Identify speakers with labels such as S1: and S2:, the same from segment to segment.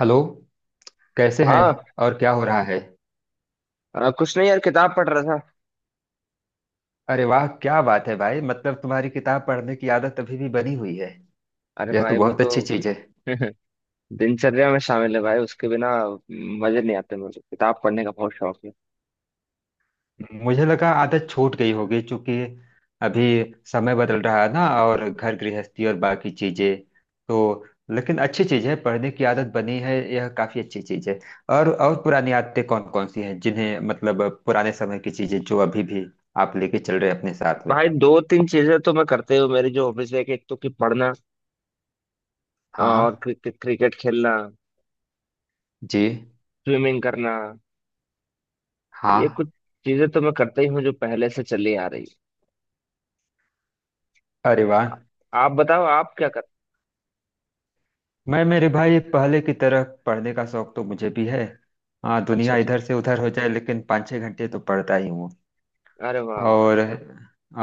S1: Hello. कैसे हैं?
S2: हाँ।
S1: और क्या हो रहा है?
S2: कुछ नहीं यार, किताब पढ़ रहा था।
S1: अरे वाह, क्या बात है भाई! मतलब तुम्हारी किताब पढ़ने की आदत अभी भी बनी हुई है।
S2: अरे
S1: यह तो
S2: भाई वो
S1: बहुत
S2: तो
S1: अच्छी चीज है।
S2: दिनचर्या में शामिल है भाई, उसके बिना मजे नहीं आते। मुझे किताब पढ़ने का बहुत शौक है।
S1: मुझे लगा आदत छूट गई होगी, क्योंकि अभी समय बदल रहा है ना, और घर गृहस्थी और बाकी चीजें, तो... लेकिन अच्छी चीज है, पढ़ने की आदत बनी है, यह काफी अच्छी चीज है। और पुरानी आदतें कौन कौन सी हैं जिन्हें, मतलब, पुराने समय की चीजें जो अभी भी आप लेके चल रहे हैं अपने साथ में?
S2: भाई दो तीन चीजें तो मैं करते हुए, मेरी जो हॉबीज है कि एक तो कि पढ़ना,
S1: हाँ,
S2: और
S1: हाँ।
S2: क्रिकेट क्रिकेट खेलना,
S1: जी
S2: स्विमिंग करना। ये
S1: हाँ।
S2: कुछ चीजें तो मैं करता ही हूँ जो पहले से चली आ रही है।
S1: अरे वाह!
S2: आप बताओ आप क्या कर।
S1: मैं, मेरे भाई, पहले की तरह पढ़ने का शौक तो मुझे भी है। हाँ,
S2: अच्छा
S1: दुनिया
S2: अच्छा।
S1: इधर से उधर हो जाए लेकिन 5-6 घंटे तो पढ़ता ही हूँ।
S2: अरे वाह वाह।
S1: और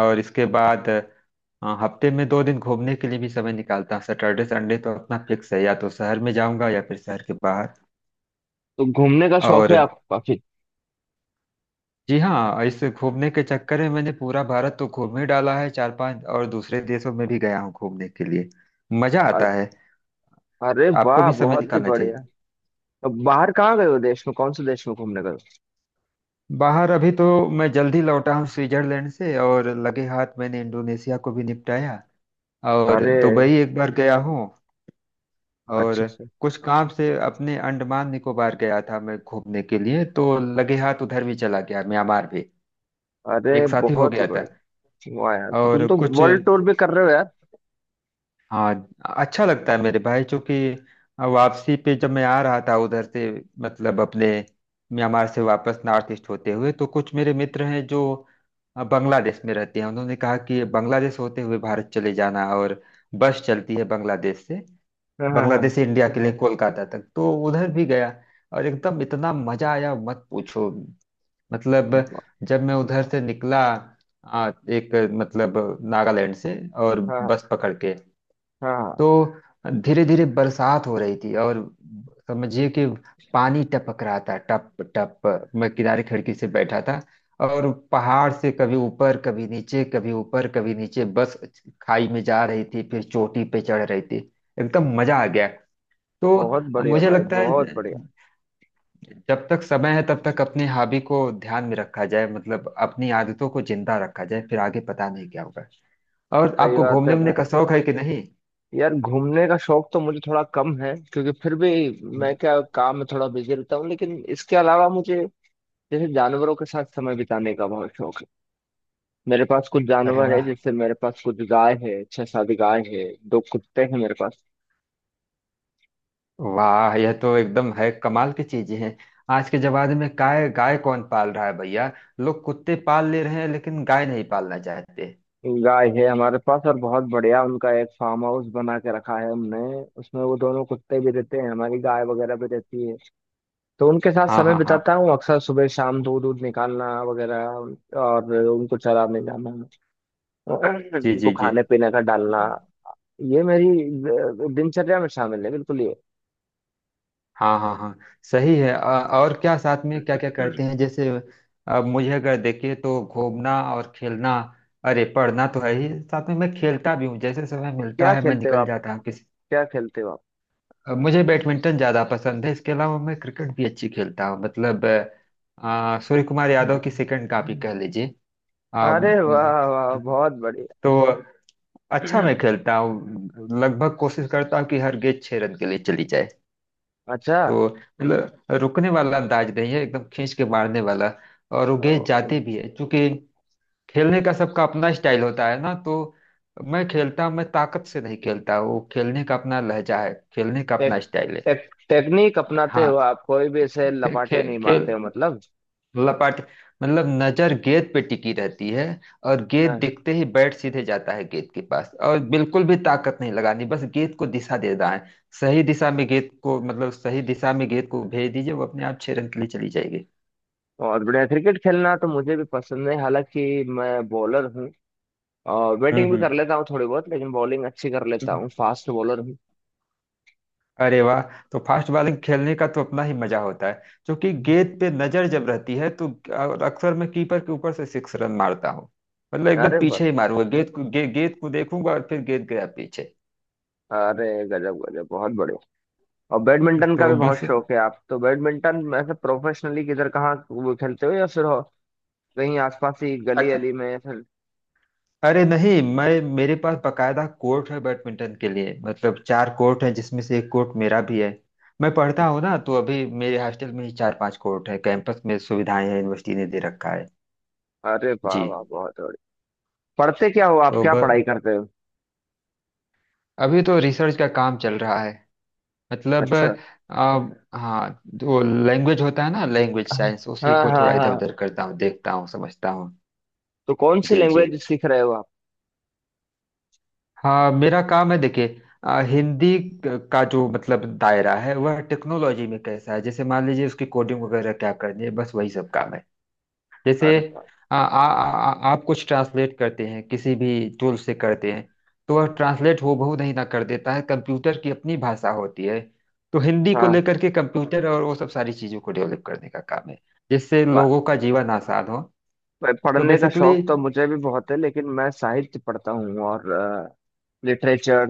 S1: और इसके बाद... हाँ, हफ्ते में 2 दिन घूमने के लिए भी समय निकालता हूँ। सैटरडे, संडे तो अपना फिक्स है, या तो शहर में जाऊंगा या फिर शहर के बाहर।
S2: तो घूमने का शौक
S1: और
S2: है आपको काफी।
S1: जी हाँ, इस घूमने के चक्कर में मैंने पूरा भारत तो घूम ही डाला है। चार पांच और दूसरे देशों में भी गया हूँ घूमने के लिए। मजा
S2: अ-
S1: आता है।
S2: अरे
S1: आपको
S2: वाह
S1: भी समय
S2: बहुत ही
S1: निकालना चाहिए।
S2: बढ़िया। तो बाहर कहाँ गए हो, देश में कौन से देश में घूमने गए
S1: बाहर अभी तो मैं जल्दी लौटा हूँ स्विट्जरलैंड से, और लगे हाथ मैंने इंडोनेशिया को भी निपटाया।
S2: हो।
S1: और
S2: अरे
S1: दुबई एक बार गया हूँ।
S2: अच्छा अच्छा।
S1: और कुछ काम से अपने अंडमान निकोबार गया था, मैं घूमने के लिए तो लगे हाथ उधर भी चला गया, म्यांमार भी,
S2: अरे
S1: एक साथ ही हो
S2: बहुत ही
S1: गया था।
S2: बढ़िया। वाह यार, तो तुम
S1: और
S2: तो
S1: कुछ,
S2: वर्ल्ड टूर भी कर रहे हो यार।
S1: हाँ। अच्छा लगता है मेरे भाई, चूंकि वापसी पे जब मैं आ रहा था उधर से, मतलब अपने म्यांमार से वापस नॉर्थ ईस्ट होते हुए, तो कुछ मेरे मित्र हैं जो बांग्लादेश में रहते हैं, उन्होंने कहा कि बांग्लादेश होते हुए भारत चले जाना। और बस चलती है बांग्लादेश से।
S2: हाँ
S1: बांग्लादेश
S2: हाँ
S1: से इंडिया के लिए कोलकाता तक, तो उधर भी गया। और एकदम इतना मजा आया, मत पूछो! मतलब
S2: हाँ।
S1: जब मैं उधर से निकला, एक, मतलब, नागालैंड से, और
S2: हाँ
S1: बस पकड़ के
S2: हाँ हाँ।
S1: तो धीरे धीरे बरसात हो रही थी, और समझिए कि पानी टपक रहा था, टप टप। मैं किनारे खिड़की से बैठा था, और पहाड़ से कभी ऊपर कभी नीचे कभी ऊपर कभी नीचे, बस खाई में जा रही थी, फिर चोटी पे चढ़ रही थी, एकदम मजा आ गया।
S2: बहुत
S1: तो
S2: बढ़िया
S1: मुझे
S2: भाई,
S1: लगता है
S2: बहुत बढ़िया।
S1: जब तक समय है तब तक अपनी हॉबी को ध्यान में रखा जाए, मतलब अपनी आदतों को जिंदा रखा जाए, फिर आगे पता नहीं क्या होगा। और
S2: सही
S1: आपको
S2: बात
S1: घूमने
S2: है
S1: वूमने
S2: भाई।
S1: का शौक है कि नहीं?
S2: यार घूमने का शौक तो मुझे थोड़ा कम है, क्योंकि फिर भी मैं क्या काम में थोड़ा बिजी रहता हूँ। लेकिन इसके अलावा मुझे जैसे जानवरों के साथ समय बिताने का बहुत शौक है। मेरे पास कुछ
S1: अरे
S2: जानवर है,
S1: वाह,
S2: जैसे मेरे पास कुछ गाय है, छह सात गाय है, दो कुत्ते हैं मेरे पास।
S1: वाह! यह तो एकदम है, कमाल की चीजें हैं। आज के जमाने में गाय गाय कौन पाल रहा है भैया! लोग कुत्ते पाल ले रहे हैं लेकिन गाय नहीं पालना चाहते।
S2: गाय है हमारे पास और बहुत बढ़िया, उनका एक फार्म हाउस बना के रखा है हमने। उसमें वो दोनों कुत्ते भी रहते हैं, हमारी गाय वगैरह भी रहती है। तो उनके साथ
S1: हाँ,
S2: समय
S1: हाँ, हाँ।
S2: बिताता हूँ अक्सर सुबह शाम, दूध दूध निकालना वगैरह, और उनको चराने जाना,
S1: जी,
S2: उनको
S1: जी, जी।
S2: खाने पीने का डालना। ये मेरी दिनचर्या में शामिल है बिल्कुल ये।
S1: हाँ, हाँ, हाँ। सही है। और क्या साथ में क्या क्या करते हैं, जैसे, अब मुझे अगर देखे तो घूमना और खेलना। अरे, पढ़ना तो है ही, साथ में मैं खेलता भी हूँ, जैसे समय मिलता
S2: क्या
S1: है मैं
S2: खेलते हो
S1: निकल
S2: आप?
S1: जाता हूँ।
S2: क्या खेलते हो आप?
S1: मुझे बैडमिंटन ज्यादा पसंद है, इसके अलावा मैं क्रिकेट भी अच्छी खेलता हूँ। मतलब, सूर्य कुमार यादव की सेकंड कॉपी कह लीजिए। अ,
S2: अरे
S1: म,
S2: वाह वाह, बहुत बढ़िया।
S1: तो, अच्छा, मैं खेलता हूँ, लगभग कोशिश करता हूँ कि हर गेंद 6 रन के लिए चली जाए।
S2: अच्छा।
S1: तो मतलब रुकने वाला अंदाज नहीं है, एकदम खींच के मारने वाला। और वो गेंद जाती भी है, क्योंकि खेलने का सबका अपना स्टाइल होता है ना, तो मैं खेलता हूँ। मैं ताकत से नहीं खेलता, वो खेलने का अपना लहजा है, खेलने का अपना
S2: टेक,
S1: स्टाइल है।
S2: टेक, टेक्निक अपनाते हो
S1: हाँ।
S2: आप, कोई भी ऐसे
S1: खे, खे,
S2: लपाटे नहीं मारते
S1: खेल।
S2: हो मतलब।
S1: लपाट, मतलब नजर गेंद पे टिकी रहती है, और गेंद
S2: हाँ।
S1: दिखते ही बैट सीधे जाता है गेंद के पास, और बिल्कुल भी ताकत नहीं लगानी, बस गेंद को दिशा देना है। सही दिशा में गेंद को, मतलब सही दिशा में गेंद को भेज दीजिए, वो अपने आप 6 रन के लिए चली जाएगी।
S2: और बढ़िया, क्रिकेट खेलना तो मुझे भी पसंद है, हालांकि मैं बॉलर हूँ। और बैटिंग भी
S1: हम्म।
S2: कर लेता हूँ थोड़ी बहुत, लेकिन बॉलिंग अच्छी कर लेता
S1: हम्म।
S2: हूँ, फास्ट बॉलर हूँ।
S1: अरे वाह! तो फास्ट बॉलिंग खेलने का तो अपना ही मजा होता है, क्योंकि गेंद पे नजर जब रहती है तो... और अक्सर मैं कीपर के ऊपर से 6 रन मारता हूँ। मतलब एकदम
S2: अरे वाह,
S1: पीछे ही मारूंगा गेंद को, गेंद को देखूंगा और फिर गेंद गया पीछे।
S2: अरे गजब गजब, बहुत बढ़िया। और बैडमिंटन का
S1: तो
S2: भी बहुत
S1: बस।
S2: शौक है आप तो? बैडमिंटन ऐसे प्रोफेशनली किधर कहाँ वो खेलते हो या फिर हो कहीं आसपास ही गली
S1: अच्छा।
S2: अली में या फिर?
S1: अरे नहीं, मैं, मेरे पास बकायदा कोर्ट है बैडमिंटन के लिए, मतलब चार कोर्ट है जिसमें से एक कोर्ट मेरा भी है। मैं पढ़ता हूँ ना, तो अभी मेरे हॉस्टल में ही चार पांच कोर्ट है, कैंपस में सुविधाएं हैं, यूनिवर्सिटी ने दे रखा है।
S2: अरे वाह
S1: जी।
S2: वाह, बहुत बढ़िया। पढ़ते क्या हो आप,
S1: तो
S2: क्या
S1: बस,
S2: पढ़ाई करते हो?
S1: अभी तो रिसर्च का काम चल रहा है, मतलब
S2: अच्छा।
S1: अब हाँ, जो लैंग्वेज होता है ना, लैंग्वेज
S2: हाँ
S1: साइंस, उसी को
S2: हाँ
S1: थोड़ा इधर
S2: हाँ।
S1: उधर करता हूँ, देखता हूँ, समझता हूँ।
S2: तो कौन सी
S1: जी, जी।
S2: लैंग्वेज सीख रहे हो आप?
S1: हाँ, मेरा काम है, देखिए, हिंदी का जो मतलब दायरा है वह टेक्नोलॉजी में कैसा है, जैसे मान लीजिए उसकी कोडिंग वगैरह क्या करनी है, बस वही सब काम है। जैसे,
S2: अरे वाह।
S1: अ, आ, आ, आ, आप कुछ ट्रांसलेट करते हैं किसी भी टूल से करते हैं, तो वह ट्रांसलेट हूबहू नहीं ना कर देता है, कंप्यूटर की अपनी भाषा होती है। तो हिंदी को
S2: हाँ।
S1: लेकर के कंप्यूटर और वो सब सारी चीजों को डेवलप करने का काम है, जिससे
S2: प-
S1: लोगों का जीवन आसान हो। तो
S2: पढ़ने का
S1: बेसिकली...
S2: शौक तो मुझे भी बहुत है, लेकिन मैं साहित्य पढ़ता हूँ और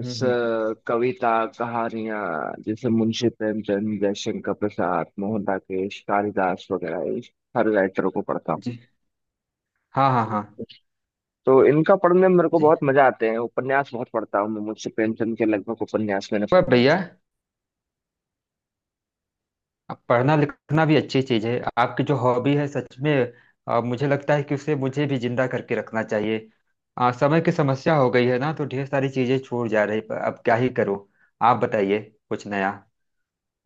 S1: हम्म। हम्म।
S2: कविता, कहानियाँ। जैसे मुंशी प्रेमचंद, जयशंकर प्रसाद, मोहन राकेश, कालिदास वगैरह, इस हर राइटर को पढ़ता हूँ।
S1: जी। हाँ, हाँ, हाँ।
S2: तो इनका पढ़ने में मेरे को
S1: जी।
S2: बहुत मजा आते हैं। उपन्यास बहुत पढ़ता हूँ मैं, मुंशी प्रेमचंद के लगभग उपन्यास मैंने।
S1: और भैया, अब पढ़ना लिखना भी अच्छी चीज है, आपकी जो हॉबी है सच में। मुझे लगता है कि उसे मुझे भी जिंदा करके रखना चाहिए। समय की समस्या हो गई है ना, तो ढेर सारी चीजें छूट जा रही, पर अब क्या ही करूं? आप बताइए कुछ नया।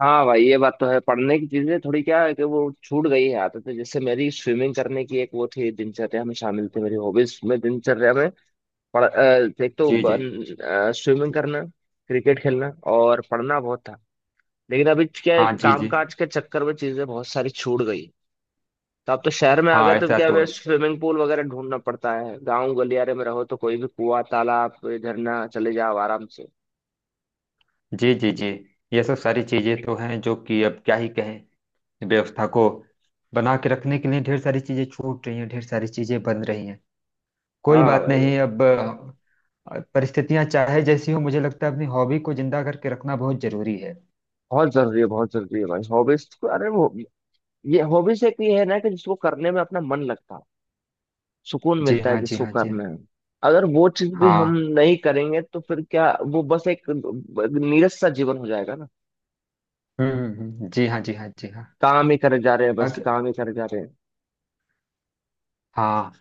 S2: हाँ भाई, ये बात तो है, पढ़ने की चीजें थोड़ी क्या है कि वो छूट गई है आदत है। जैसे मेरी स्विमिंग करने की एक वो थी, दिनचर्या में शामिल थी, मेरी हॉबीज में दिनचर्या में। एक तो
S1: जी, जी।
S2: स्विमिंग करना, क्रिकेट खेलना और पढ़ना बहुत था। लेकिन अभी क्या है
S1: हाँ,
S2: कि
S1: जी, जी।
S2: कामकाज के चक्कर में चीजें बहुत सारी छूट गई। तो आप तो शहर में आ गए,
S1: हाँ
S2: तो
S1: ऐसा
S2: क्या
S1: तो
S2: हमें
S1: है।
S2: स्विमिंग पूल वगैरह ढूंढना पड़ता है। गाँव गलियारे में रहो तो कोई भी कुआं, तालाब, कोई झरना चले जाओ आराम से।
S1: जी, जी, जी। ये सब सारी चीजें तो हैं, जो कि अब क्या ही कहें। व्यवस्था को बना के रखने के लिए ढेर सारी चीजें छूट रही हैं, ढेर सारी चीजें बन रही हैं। कोई
S2: हाँ
S1: बात
S2: भाई।
S1: नहीं अब। और परिस्थितियां चाहे जैसी हो, मुझे लगता है अपनी हॉबी को जिंदा करके रखना बहुत जरूरी है।
S2: बहुत जरूरी है, बहुत जरूरी है भाई हॉबीज। अरे वो, ये हॉबीज एक ये है ना कि जिसको करने में अपना मन लगता है, सुकून
S1: जी
S2: मिलता है
S1: हाँ, जी
S2: जिसको
S1: हाँ, जी हाँ।
S2: करने में। अगर वो चीज भी हम
S1: हाँ।
S2: नहीं करेंगे तो फिर क्या, वो बस एक नीरस सा जीवन हो जाएगा ना।
S1: हम्म, हम्म। जी हाँ, जी हाँ, जी हाँ।
S2: काम ही करे जा रहे हैं, बस
S1: अग-
S2: काम ही करे जा रहे
S1: हाँ,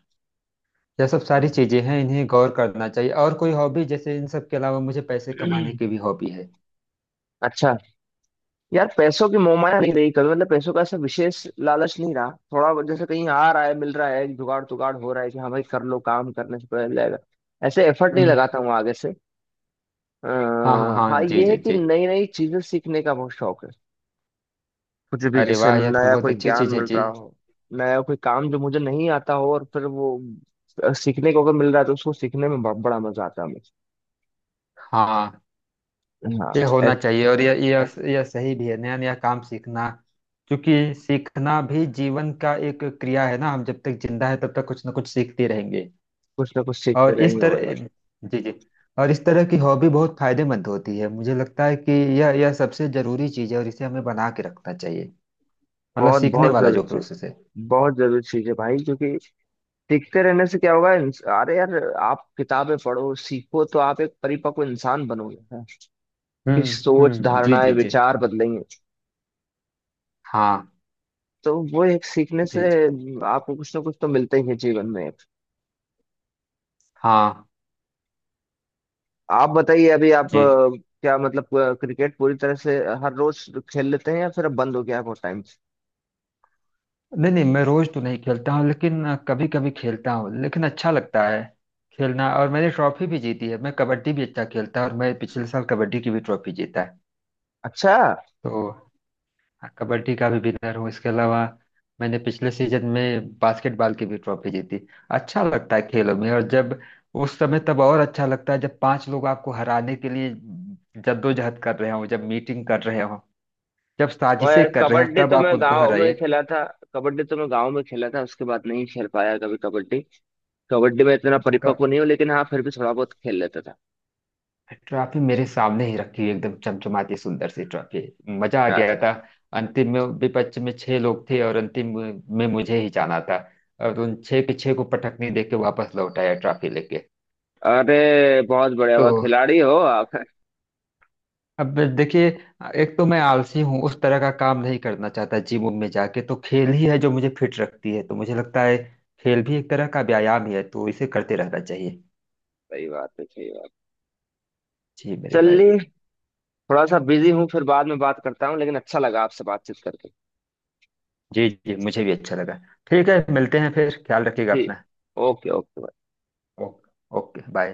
S1: यह सब सारी
S2: हैं।
S1: चीजें हैं, इन्हें गौर करना चाहिए। और कोई हॉबी जैसे, इन सब के अलावा मुझे पैसे कमाने की भी हॉबी है।
S2: अच्छा। यार पैसों की मोहमाया नहीं रही कभी, मतलब पैसों का ऐसा विशेष लालच नहीं रहा। थोड़ा बहुत जैसे कहीं आ रहा है, मिल रहा है, जुगाड़ तुगाड़ हो रहा है कि हाँ भाई कर लो, काम करने से पहले जाएगा। ऐसे एफर्ट नहीं
S1: हम्म।
S2: लगाता हूँ आगे से। आ,
S1: हाँ, हाँ,
S2: हाँ
S1: हाँ। जी,
S2: ये है
S1: जी,
S2: कि
S1: जी।
S2: नई नई चीजें सीखने का बहुत शौक है। कुछ भी
S1: अरे
S2: जैसे
S1: वाह, यह तो
S2: नया
S1: बहुत
S2: कोई
S1: अच्छी
S2: ज्ञान
S1: चीज है
S2: मिल
S1: जी।
S2: रहा हो, नया कोई काम जो मुझे नहीं आता हो और फिर वो सीखने को अगर मिल रहा है तो उसको सीखने में बड़ा मजा आता है मुझे।
S1: हाँ,
S2: हाँ।
S1: ये होना
S2: एक-
S1: चाहिए, और यह यह सही भी है, नया नया काम सीखना, क्योंकि सीखना भी जीवन का एक क्रिया है ना, हम जब तक जिंदा है तब तक कुछ ना कुछ सीखते रहेंगे।
S2: कुछ ना कुछ सीखते
S1: और इस
S2: रहेंगे हमारे
S1: तरह...
S2: पास।
S1: जी, जी। और इस तरह की हॉबी बहुत फायदेमंद होती है, मुझे लगता है कि यह सबसे जरूरी चीज है और इसे हमें बना के रखना चाहिए, मतलब
S2: बहुत
S1: सीखने
S2: बहुत
S1: वाला
S2: जरूरी
S1: जो
S2: चीज,
S1: प्रोसेस है।
S2: बहुत जरूरी चीज है भाई। क्योंकि सीखते रहने से क्या होगा अरे यार, आप किताबें पढ़ो सीखो तो आप एक परिपक्व इंसान बनोगे हाँ। कि
S1: हम्म,
S2: सोच,
S1: हम्म। जी,
S2: धारणाएं,
S1: जी, जी।
S2: विचार बदलेंगे।
S1: हाँ,
S2: तो वो एक सीखने
S1: जी,
S2: से
S1: जी।
S2: आपको कुछ ना कुछ तो मिलता ही है जीवन में।
S1: हाँ
S2: आप बताइए, अभी आप
S1: जी।
S2: क्या मतलब क्रिकेट पूरी तरह से हर रोज खेल लेते हैं या फिर अब बंद हो गया है बहुत टाइम से?
S1: नहीं नहीं, मैं रोज तो नहीं खेलता हूँ लेकिन कभी कभी खेलता हूँ, लेकिन अच्छा लगता है खेलना। और मैंने ट्रॉफी भी जीती है, मैं कबड्डी भी अच्छा खेलता हूँ और मैं पिछले साल कबड्डी की भी ट्रॉफी जीता है।
S2: अच्छा।
S1: तो हाँ, कबड्डी का भी विनर हूँ। इसके अलावा मैंने पिछले सीजन में बास्केटबॉल की भी ट्रॉफी जीती। अच्छा लगता है खेलों में, और जब, उस समय तब और अच्छा लगता है जब पांच लोग आपको हराने के लिए जद्दोजहद कर रहे हो, जब मीटिंग कर रहे हो, जब साजिशें
S2: और
S1: कर रहे हो,
S2: कबड्डी
S1: तब
S2: तो
S1: आप
S2: मैं
S1: उनको
S2: गांव में
S1: हराइए।
S2: खेला था। कबड्डी तो मैं गांव में खेला था, उसके बाद नहीं खेल पाया कभी कबड्डी। कबड्डी में इतना
S1: तो
S2: परिपक्व नहीं हूँ, लेकिन हाँ फिर भी थोड़ा बहुत खेल लेता था।
S1: ट्रॉफी मेरे सामने ही रखी हुई, एकदम चमचमाती सुंदर सी ट्रॉफी, मजा आ
S2: हाँ।
S1: गया था। अंतिम में विपक्ष में छह लोग थे, और अंतिम में मुझे ही जाना था, और उन छह के छह को पटकनी देके वापस लौट आया ट्रॉफी लेके।
S2: अरे बहुत बढ़िया,
S1: तो
S2: हुआ खिलाड़ी हो आप।
S1: अब देखिए, एक तो मैं आलसी हूँ, उस तरह का काम नहीं करना चाहता, जिम में जाके, तो खेल ही है जो मुझे फिट रखती है, तो मुझे लगता है खेल भी एक तरह का व्यायाम ही है, तो इसे करते रहना चाहिए।
S2: सही बात है, सही बात।
S1: जी मेरे भाई।
S2: चलिए, थोड़ा सा बिजी हूँ, फिर बाद में बात करता हूँ, लेकिन अच्छा लगा आपसे बातचीत करके।
S1: जी जी, मुझे भी अच्छा लगा। ठीक है, मिलते हैं फिर, ख्याल रखिएगा
S2: जी।
S1: अपना।
S2: Okay okay.
S1: Okay, okay, bye.